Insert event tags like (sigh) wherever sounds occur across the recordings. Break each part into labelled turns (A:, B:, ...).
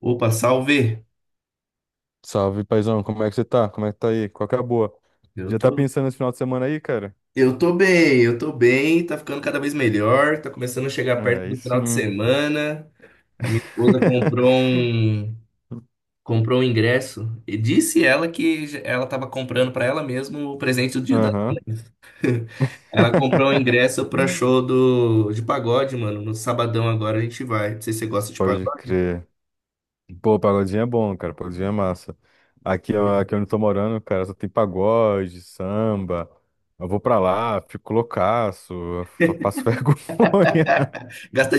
A: Opa, salve!
B: Salve, paizão, como é que você tá? Como é que tá aí? Qual que é a boa?
A: Eu
B: Já tá
A: tô,
B: pensando nesse final de semana aí, cara?
A: eu tô bem, eu tô bem, tá ficando cada vez melhor, tá começando a chegar
B: Ah,
A: perto
B: aí
A: do final de
B: sim.
A: semana. A minha esposa comprou
B: (laughs)
A: um, comprou um ingresso e disse ela que ela tava comprando pra ela mesma o presente do Dia das
B: Aham.
A: Mães. (laughs) Ela comprou um ingresso pra show
B: (laughs)
A: de pagode, mano. No sabadão agora a gente vai. Não sei se você gosta de
B: Pode
A: pagode.
B: crer. Pô, pagodinho é bom, cara. Pagodinho é massa. Aqui, ó, aqui onde eu tô morando, cara, só tem pagode, samba. Eu vou pra lá, fico loucaço, passo (laughs) vergonha.
A: Gasta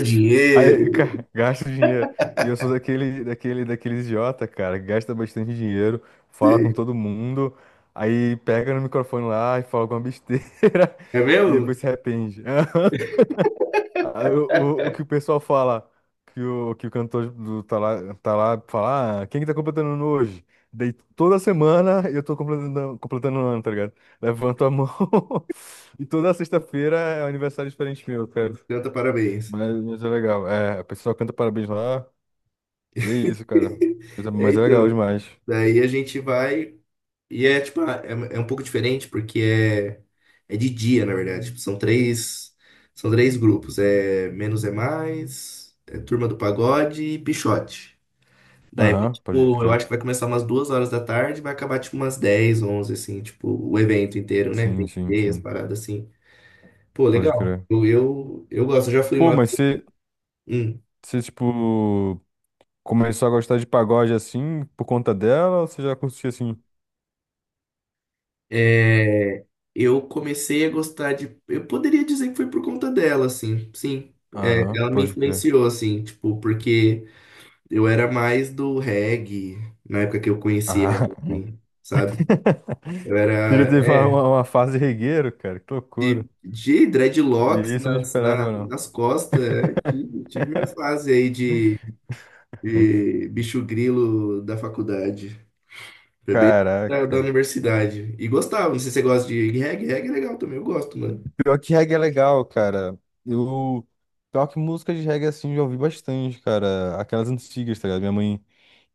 B: Aí,
A: dinheiro,
B: cara, (laughs) gasta dinheiro. E eu sou daquele idiota, cara, que gasta bastante dinheiro, fala com
A: sei.
B: todo mundo, aí pega no microfone lá e fala alguma besteira
A: É
B: (laughs) e
A: mesmo?
B: depois se arrepende. (laughs) Ah. O que o pessoal fala, que o cantor do, tá lá, fala: ah, quem que tá completando ano hoje? Daí toda semana eu tô completando ano, tá ligado? Levanto a mão (laughs) e toda sexta-feira é um aniversário diferente meu, cara.
A: Então, tá, parabéns.
B: Mas é legal. É, a pessoa canta parabéns lá. E é isso, cara.
A: (laughs)
B: Mas é,
A: É,
B: mas é legal
A: então,
B: demais.
A: daí a gente vai. E é tipo, ah, é um pouco diferente porque é de dia, na verdade. Tipo, são três grupos. É Menos é Mais, é Turma do Pagode e Pixote. Daí,
B: Aham, pode
A: tipo, eu
B: crer.
A: acho que vai começar umas 2 horas da tarde, vai acabar tipo umas 10 11 assim, tipo, o evento inteiro, né?
B: Sim,
A: Tem que
B: sim,
A: ter as
B: sim.
A: paradas assim. Pô,
B: Pode
A: legal.
B: crer.
A: Eu gosto, eu já fui
B: Pô,
A: uma.
B: mas você, tipo, começou a gostar de pagode assim por conta dela ou você já curtia assim?
A: É, eu comecei a gostar de. Eu poderia dizer que foi por conta dela, assim, sim. É,
B: Aham,
A: ela me
B: pode crer.
A: influenciou, assim, tipo, porque eu era mais do reggae na época que eu conheci ela,
B: Ah, (laughs)
A: assim, sabe? Eu
B: você já
A: era,
B: teve uma,
A: é,
B: uma, uma fase regueiro, cara? Que loucura.
A: de
B: E
A: dreadlocks
B: isso eu não
A: nas, na-
B: esperava, não.
A: nas costas, é, tive minha fase aí
B: Hum.
A: de bicho grilo da faculdade, foi bem da
B: Caraca.
A: universidade. E gostava, não sei se você gosta de reggae. Reggae é legal também, eu gosto, mano.
B: Pior que reggae é legal, cara. Eu. Pior que música de reggae, assim, eu já ouvi bastante, cara. Aquelas antigas, tá ligado? Minha mãe,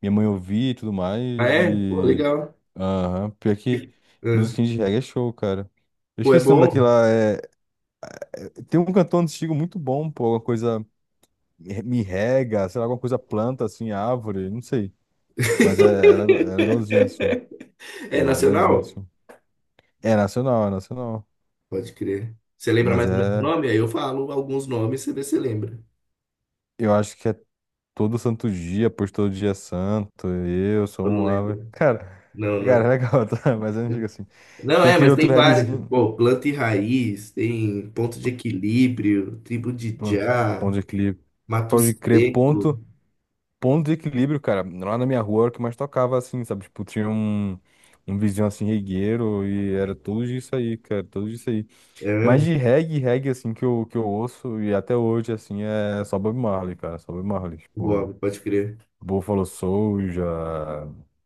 B: minha mãe ouvia e tudo
A: Ah,
B: mais.
A: é? Pô,
B: E.
A: legal.
B: Aham. Pior que
A: É.
B: musiquinha de reggae é show, cara. Eu
A: Pô, é
B: esqueci o nome
A: bom.
B: daquela. É... Tem um cantor antigo muito bom, pô. Alguma coisa. Me rega, sei lá, alguma coisa planta, assim, árvore, não sei. Mas é legalzinho, assim.
A: É
B: Mas é legalzinho,
A: nacional?
B: assim. É nacional, é nacional.
A: Pode crer. Você lembra
B: Mas
A: mais ou menos o
B: é.
A: nome? Aí eu falo alguns nomes, você vê se lembra.
B: Eu acho que é. Todo santo dia, por todo dia santo, eu sou
A: Eu não
B: um ave.
A: lembro.
B: Cara,
A: Não,
B: cara, é
A: não.
B: legal, (laughs) tá? Mas eu não digo assim.
A: Não,
B: Tem
A: é,
B: aquele
A: mas
B: outro
A: tem vários.
B: reggaezinho.
A: Pô, Planta e Raiz, tem Ponto de Equilíbrio, Tribo de
B: Pronto,
A: Já,
B: ponto de equilíbrio.
A: Mato
B: Pode crer,
A: Seco.
B: ponto de equilíbrio, cara. Lá na minha rua era o que mais tocava, assim, sabe? Tipo, tinha um vizinho assim, regueiro, e era tudo isso aí, cara, tudo isso aí.
A: É
B: Mas
A: mesmo?
B: de reggae, reggae, assim, que eu ouço, e até hoje, assim, é só Bob Marley, cara, só Bob Marley. Tipo,
A: Bob, pode crer.
B: Buffalo Soldier,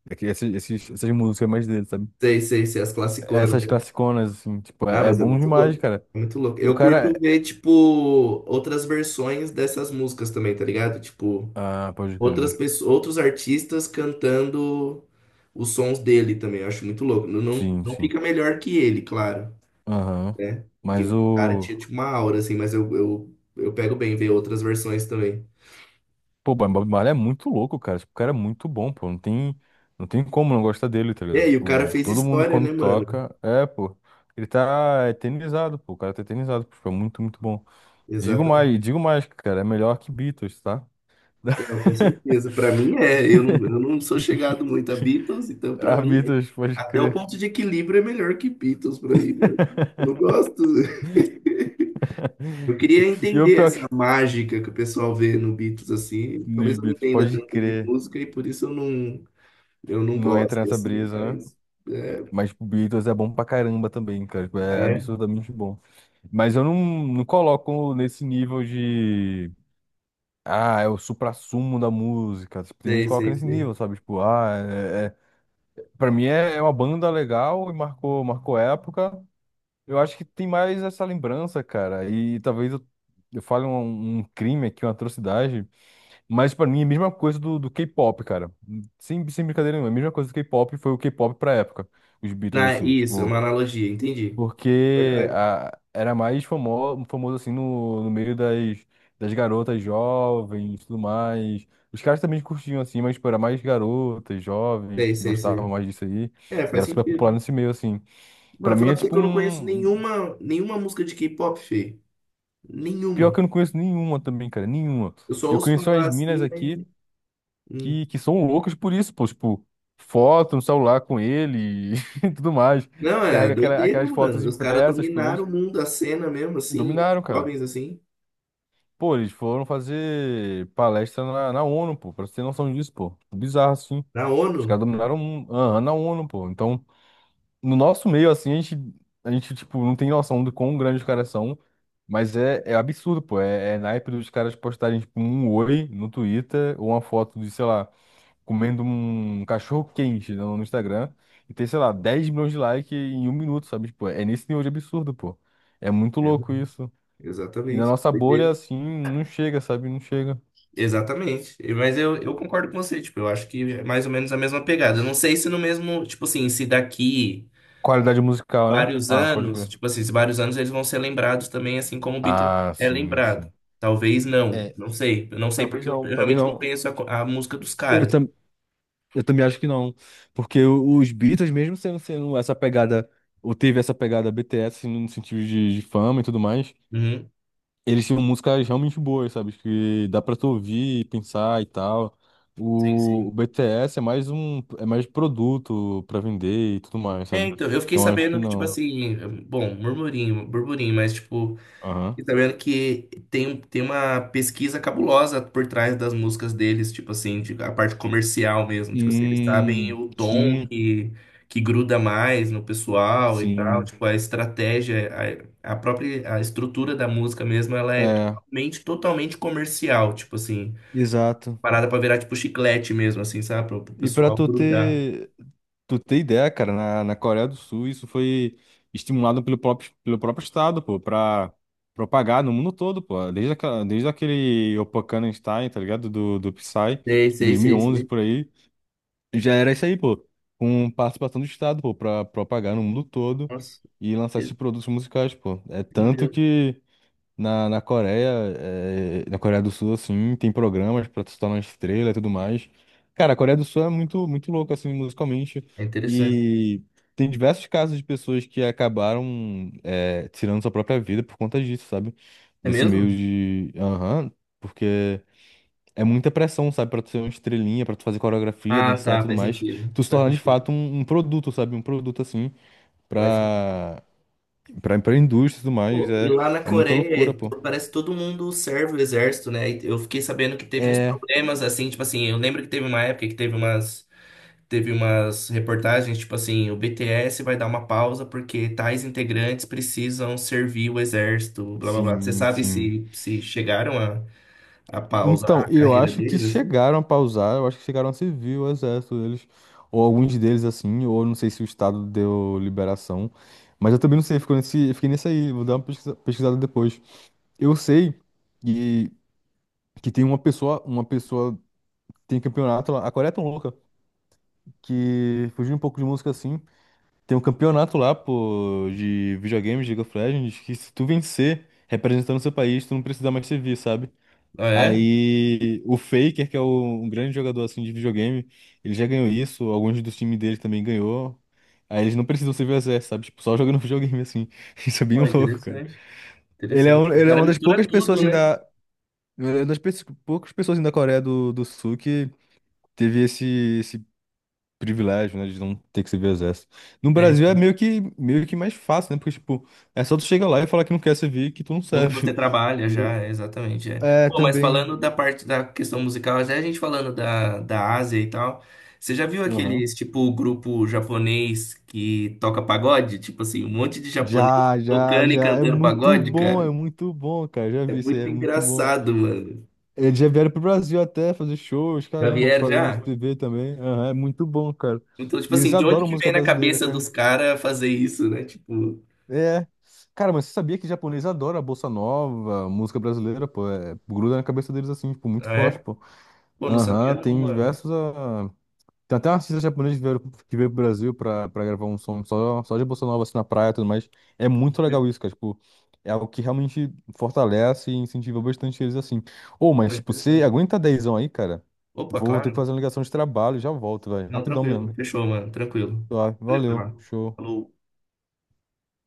B: é que essas músicas mais dele, sabe?
A: Sei, sei, sei, as classiconas,
B: Essas
A: né?
B: classiconas, assim, tipo,
A: Ah,
B: é
A: mas é
B: bom
A: muito
B: demais,
A: louco.
B: cara.
A: É muito louco.
B: E o
A: Eu
B: cara
A: curto
B: é.
A: ver, tipo, outras versões dessas músicas também, tá ligado? Tipo,
B: Ah, pode
A: outras
B: crer.
A: pessoas, outros artistas cantando os sons dele também. Eu acho muito louco. Não, não,
B: Sim,
A: não
B: sim.
A: fica melhor que ele, claro,
B: Aham.
A: né? Que
B: Mas
A: o cara
B: o.
A: tinha tipo uma aura assim, mas eu pego bem ver outras versões também.
B: Pô, o Bob Marley é muito louco, cara. Tipo, o cara é muito bom, pô. Não tem como não gostar dele, tá ligado?
A: É, e o cara
B: Tipo,
A: fez
B: todo mundo
A: história,
B: quando
A: né, mano?
B: toca. É, pô. Ele tá eternizado, pô. O cara tá eternizado, pô. Tipo, é muito, muito bom.
A: Exatamente.
B: Digo mais, cara. É melhor que Beatles, tá?
A: Não, com
B: (laughs)
A: certeza. Pra mim é. Eu não sou chegado muito a Beatles, então pra
B: Ah,
A: mim é
B: Beatles, pode
A: até o
B: crer.
A: Ponto de Equilíbrio é melhor que Beatles pra mim, mano.
B: (laughs)
A: Eu não gosto. (laughs) Eu queria
B: E o
A: entender
B: pior
A: essa
B: que.
A: mágica que o pessoal vê no Beatles assim.
B: Nos
A: Talvez eu não
B: Beatles,
A: entenda
B: pode
A: tanto de
B: crer.
A: música e por isso eu não
B: Não entra
A: gosto
B: nessa
A: assim,
B: brisa,
A: mas
B: né?
A: é.
B: Mas tipo, Beatles é bom pra caramba também, cara. Tipo,
A: Ah,
B: é
A: é?
B: absurdamente bom. Mas eu não coloco nesse nível de. Ah, é o suprassumo da música. Tipo, tem gente
A: Sei,
B: que coloca
A: sei,
B: nesse nível,
A: sei.
B: sabe? Tipo, ah, é... Pra mim é uma banda legal e marcou época. Eu acho que tem mais essa lembrança, cara. E talvez eu fale um crime aqui, uma atrocidade. Mas pra mim é a mesma coisa do K-pop, cara. Sem brincadeira nenhuma, é a mesma coisa do K-pop, foi o K-pop pra época. Os Beatles,
A: Na,
B: assim,
A: isso, é uma
B: tipo.
A: analogia, entendi.
B: Porque
A: Verdade.
B: a, era mais famoso, famoso assim, no meio das garotas jovens e tudo mais. Os caras também curtiam, assim, mas, tipo, era mais garotas, jovens,
A: Sei,
B: que
A: sei,
B: gostavam
A: sei.
B: mais disso aí.
A: É,
B: E
A: faz
B: era super popular
A: sentido.
B: nesse meio, assim. Pra
A: Mano,
B: mim
A: falar
B: é,
A: pra você
B: tipo,
A: que eu não conheço
B: um...
A: nenhuma música de K-pop, Fê.
B: Pior que
A: Nenhuma.
B: eu não conheço nenhuma também, cara, nenhuma.
A: Eu só
B: Eu
A: ouço
B: conheço
A: falar
B: as minas
A: assim,
B: aqui
A: mas. Hum.
B: que são loucas por isso, pô, tipo, foto no celular com ele (laughs) e tudo mais.
A: Não, é
B: Carrega
A: doideira,
B: aquelas fotos
A: mano. Os caras
B: impressas com
A: dominaram
B: eles.
A: o mundo, a cena mesmo assim, os
B: Dominaram, cara.
A: jovens assim,
B: Pô, eles foram fazer palestra na ONU, pô, pra você ter noção disso, pô. Bizarro, assim.
A: na
B: Os caras
A: ONU.
B: dominaram o mundo. Aham, na ONU, pô. Então, no nosso meio, assim, a gente, tipo, não tem noção do quão grandes os caras são. Mas é absurdo, pô. É naipe dos caras postarem, tipo, um oi no Twitter ou uma foto de, sei lá, comendo um cachorro quente no Instagram e ter, sei lá, 10 milhões de likes em um minuto, sabe? Tipo, é nesse nível de absurdo, pô. É muito louco isso. E na
A: Exatamente.
B: nossa bolha,
A: Doideira.
B: assim, não chega, sabe? Não chega.
A: Exatamente. E, mas eu concordo com você, tipo, eu acho que é mais ou menos a mesma pegada. Eu não sei se no mesmo, tipo assim, se daqui
B: Qualidade musical, né?
A: vários
B: Ah, pode
A: anos,
B: crer.
A: tipo assim, se vários anos eles vão ser lembrados também, assim como o Beatles
B: Ah,
A: é
B: sim,
A: lembrado.
B: sim.
A: Talvez não,
B: É,
A: não sei. Eu não sei
B: talvez
A: porque
B: não,
A: eu
B: talvez
A: realmente não
B: não.
A: conheço a, co- a música dos
B: Eu,
A: caras.
B: tam, eu também acho que não. Porque os Beatles, mesmo sendo essa pegada, ou teve essa pegada BTS assim, no sentido de fama e tudo mais.
A: Uhum.
B: Eles tinham músicas realmente boas, sabe? Que dá pra tu ouvir, e pensar e tal.
A: Sim,
B: O
A: sim.
B: BTS é mais um, é mais produto pra vender e tudo mais,
A: É,
B: sabe?
A: então, eu fiquei
B: Então acho que
A: sabendo que, tipo
B: não.
A: assim, bom, murmurinho, burburinho, mas, tipo,
B: Aham.
A: e sabendo que tem, tem uma pesquisa cabulosa por trás das músicas deles, tipo assim, de a parte comercial mesmo, tipo assim, eles sabem o tom
B: Sim,
A: que gruda mais no pessoal e tal,
B: sim.
A: tipo, a estratégia, a própria, a estrutura da música mesmo, ela é
B: É,
A: totalmente, totalmente comercial, tipo assim,
B: exato.
A: parada pra virar tipo chiclete mesmo, assim, sabe, pro, pro
B: E pra
A: pessoal
B: tu
A: grudar.
B: ter. Tu tem ideia, cara, na Coreia do Sul isso foi estimulado pelo próprio Estado, pô, pra propagar no mundo todo, pô. Desde aquele Oppanheimerstein, tá ligado? Do Psy, em
A: Sei, sei, sei,
B: 2011
A: sei.
B: por aí. Já era isso aí, pô. Com participação do Estado, pô, pra propagar no mundo todo
A: Nossa,
B: e lançar esses produtos musicais, pô. É tanto
A: entendeu?
B: que na Coreia, na Coreia do Sul, assim, tem programas pra se tornar uma estrela e tudo mais. Cara, a Coreia do Sul é muito, muito louca, assim, musicalmente.
A: É interessante.
B: E tem diversos casos de pessoas que acabaram, tirando sua própria vida por conta disso, sabe?
A: É
B: Desse meio
A: mesmo?
B: de. Aham, porque é muita pressão, sabe? Pra tu ser uma estrelinha, pra tu fazer coreografia,
A: Ah,
B: dançar e
A: tá,
B: tudo
A: faz
B: mais.
A: sentido.
B: Tu se
A: Faz
B: tornar de
A: sentido.
B: fato um produto, sabe? Um produto, assim,
A: Faz sentido.
B: pra, pra indústria e tudo mais.
A: Pô, e
B: É,
A: lá na
B: é muita loucura,
A: Coreia,
B: pô.
A: to- parece que todo mundo serve o exército, né? E eu fiquei sabendo que teve uns
B: É.
A: problemas, assim, tipo assim, eu lembro que teve uma época que teve umas, reportagens, tipo assim, o BTS vai dar uma pausa porque tais integrantes precisam servir o exército, blá blá blá. Você
B: Sim,
A: sabe
B: sim.
A: se, chegaram a pausar
B: Então,
A: a
B: eu
A: carreira
B: acho que
A: deles, assim?
B: chegaram a pausar, eu acho que chegaram a servir o exército deles, ou alguns deles assim, ou não sei se o Estado deu liberação, mas eu também não sei, fiquei nesse aí, vou dar uma pesquisada depois. Eu sei que, que tem uma pessoa tem campeonato lá, a Coreia é tão louca, que fugiu um pouco de música assim, tem um campeonato lá, pô, de videogames, de League of Legends, que se tu vencer representando o seu país, tu não precisa mais servir, sabe?
A: Ah, é?
B: Aí o Faker, que é um grande jogador assim de videogame, ele já ganhou isso, alguns dos times dele também ganhou. Aí eles não precisam ser VSS, sabe? Tipo, só jogando videogame assim. (laughs) Isso é bem
A: Ó,
B: louco, cara.
A: interessante,
B: Ele é,
A: interessante.
B: um-
A: Os
B: ele é
A: caras
B: uma das
A: misturam
B: poucas pessoas
A: tudo,
B: assim
A: né?
B: da é uma das pe- poucas pessoas assim, da Coreia do Sul que teve esse privilégio, né, de não ter que ser VSS. No Brasil é meio que mais fácil, né? Porque tipo, é só tu chegar lá e falar que não quer servir, que tu não
A: Ou que você
B: serve. (laughs)
A: trabalha já, é, exatamente. É.
B: É,
A: Pô, mas
B: também.
A: falando da parte da questão musical, até a gente falando da Ásia e tal, você já viu aqueles, tipo, grupo japonês que toca pagode? Tipo assim, um monte de japonês
B: Já, já,
A: tocando e
B: já.
A: cantando pagode,
B: É
A: cara.
B: muito bom, cara. Já
A: É
B: vi isso aí, é
A: muito
B: muito bom.
A: engraçado, mano.
B: Eles já vieram pro Brasil até fazer shows,
A: Já
B: caramba,
A: vieram
B: programas
A: já?
B: de TV também. Aham, é muito bom, cara.
A: Então, tipo
B: E eles
A: assim, de onde
B: adoram
A: que
B: música
A: vem na
B: brasileira,
A: cabeça
B: cara.
A: dos caras fazer isso, né? Tipo,
B: É. Cara, mas você sabia que japonês adora a bossa nova, música brasileira, pô? É, gruda na cabeça deles assim, tipo, muito
A: ah,
B: forte,
A: é?
B: pô.
A: Pô, não
B: Aham,
A: sabia não,
B: tem
A: mano.
B: diversos. Tem até um artista japonês que veio pro Brasil pra gravar um som só de bossa nova, assim, na praia e tudo mais. É muito legal isso, cara. Tipo, é algo que realmente fortalece e incentiva bastante eles, assim. Ô, mas,
A: Foi
B: tipo, você
A: interessante.
B: aguenta dezão aí, cara?
A: Opa,
B: Vou ter que
A: claro.
B: fazer uma ligação de trabalho, já volto, velho.
A: Não,
B: Rapidão mesmo.
A: tranquilo. Fechou, mano. Tranquilo.
B: Tá,
A: Valeu,
B: valeu,
A: cara.
B: show.
A: Falou.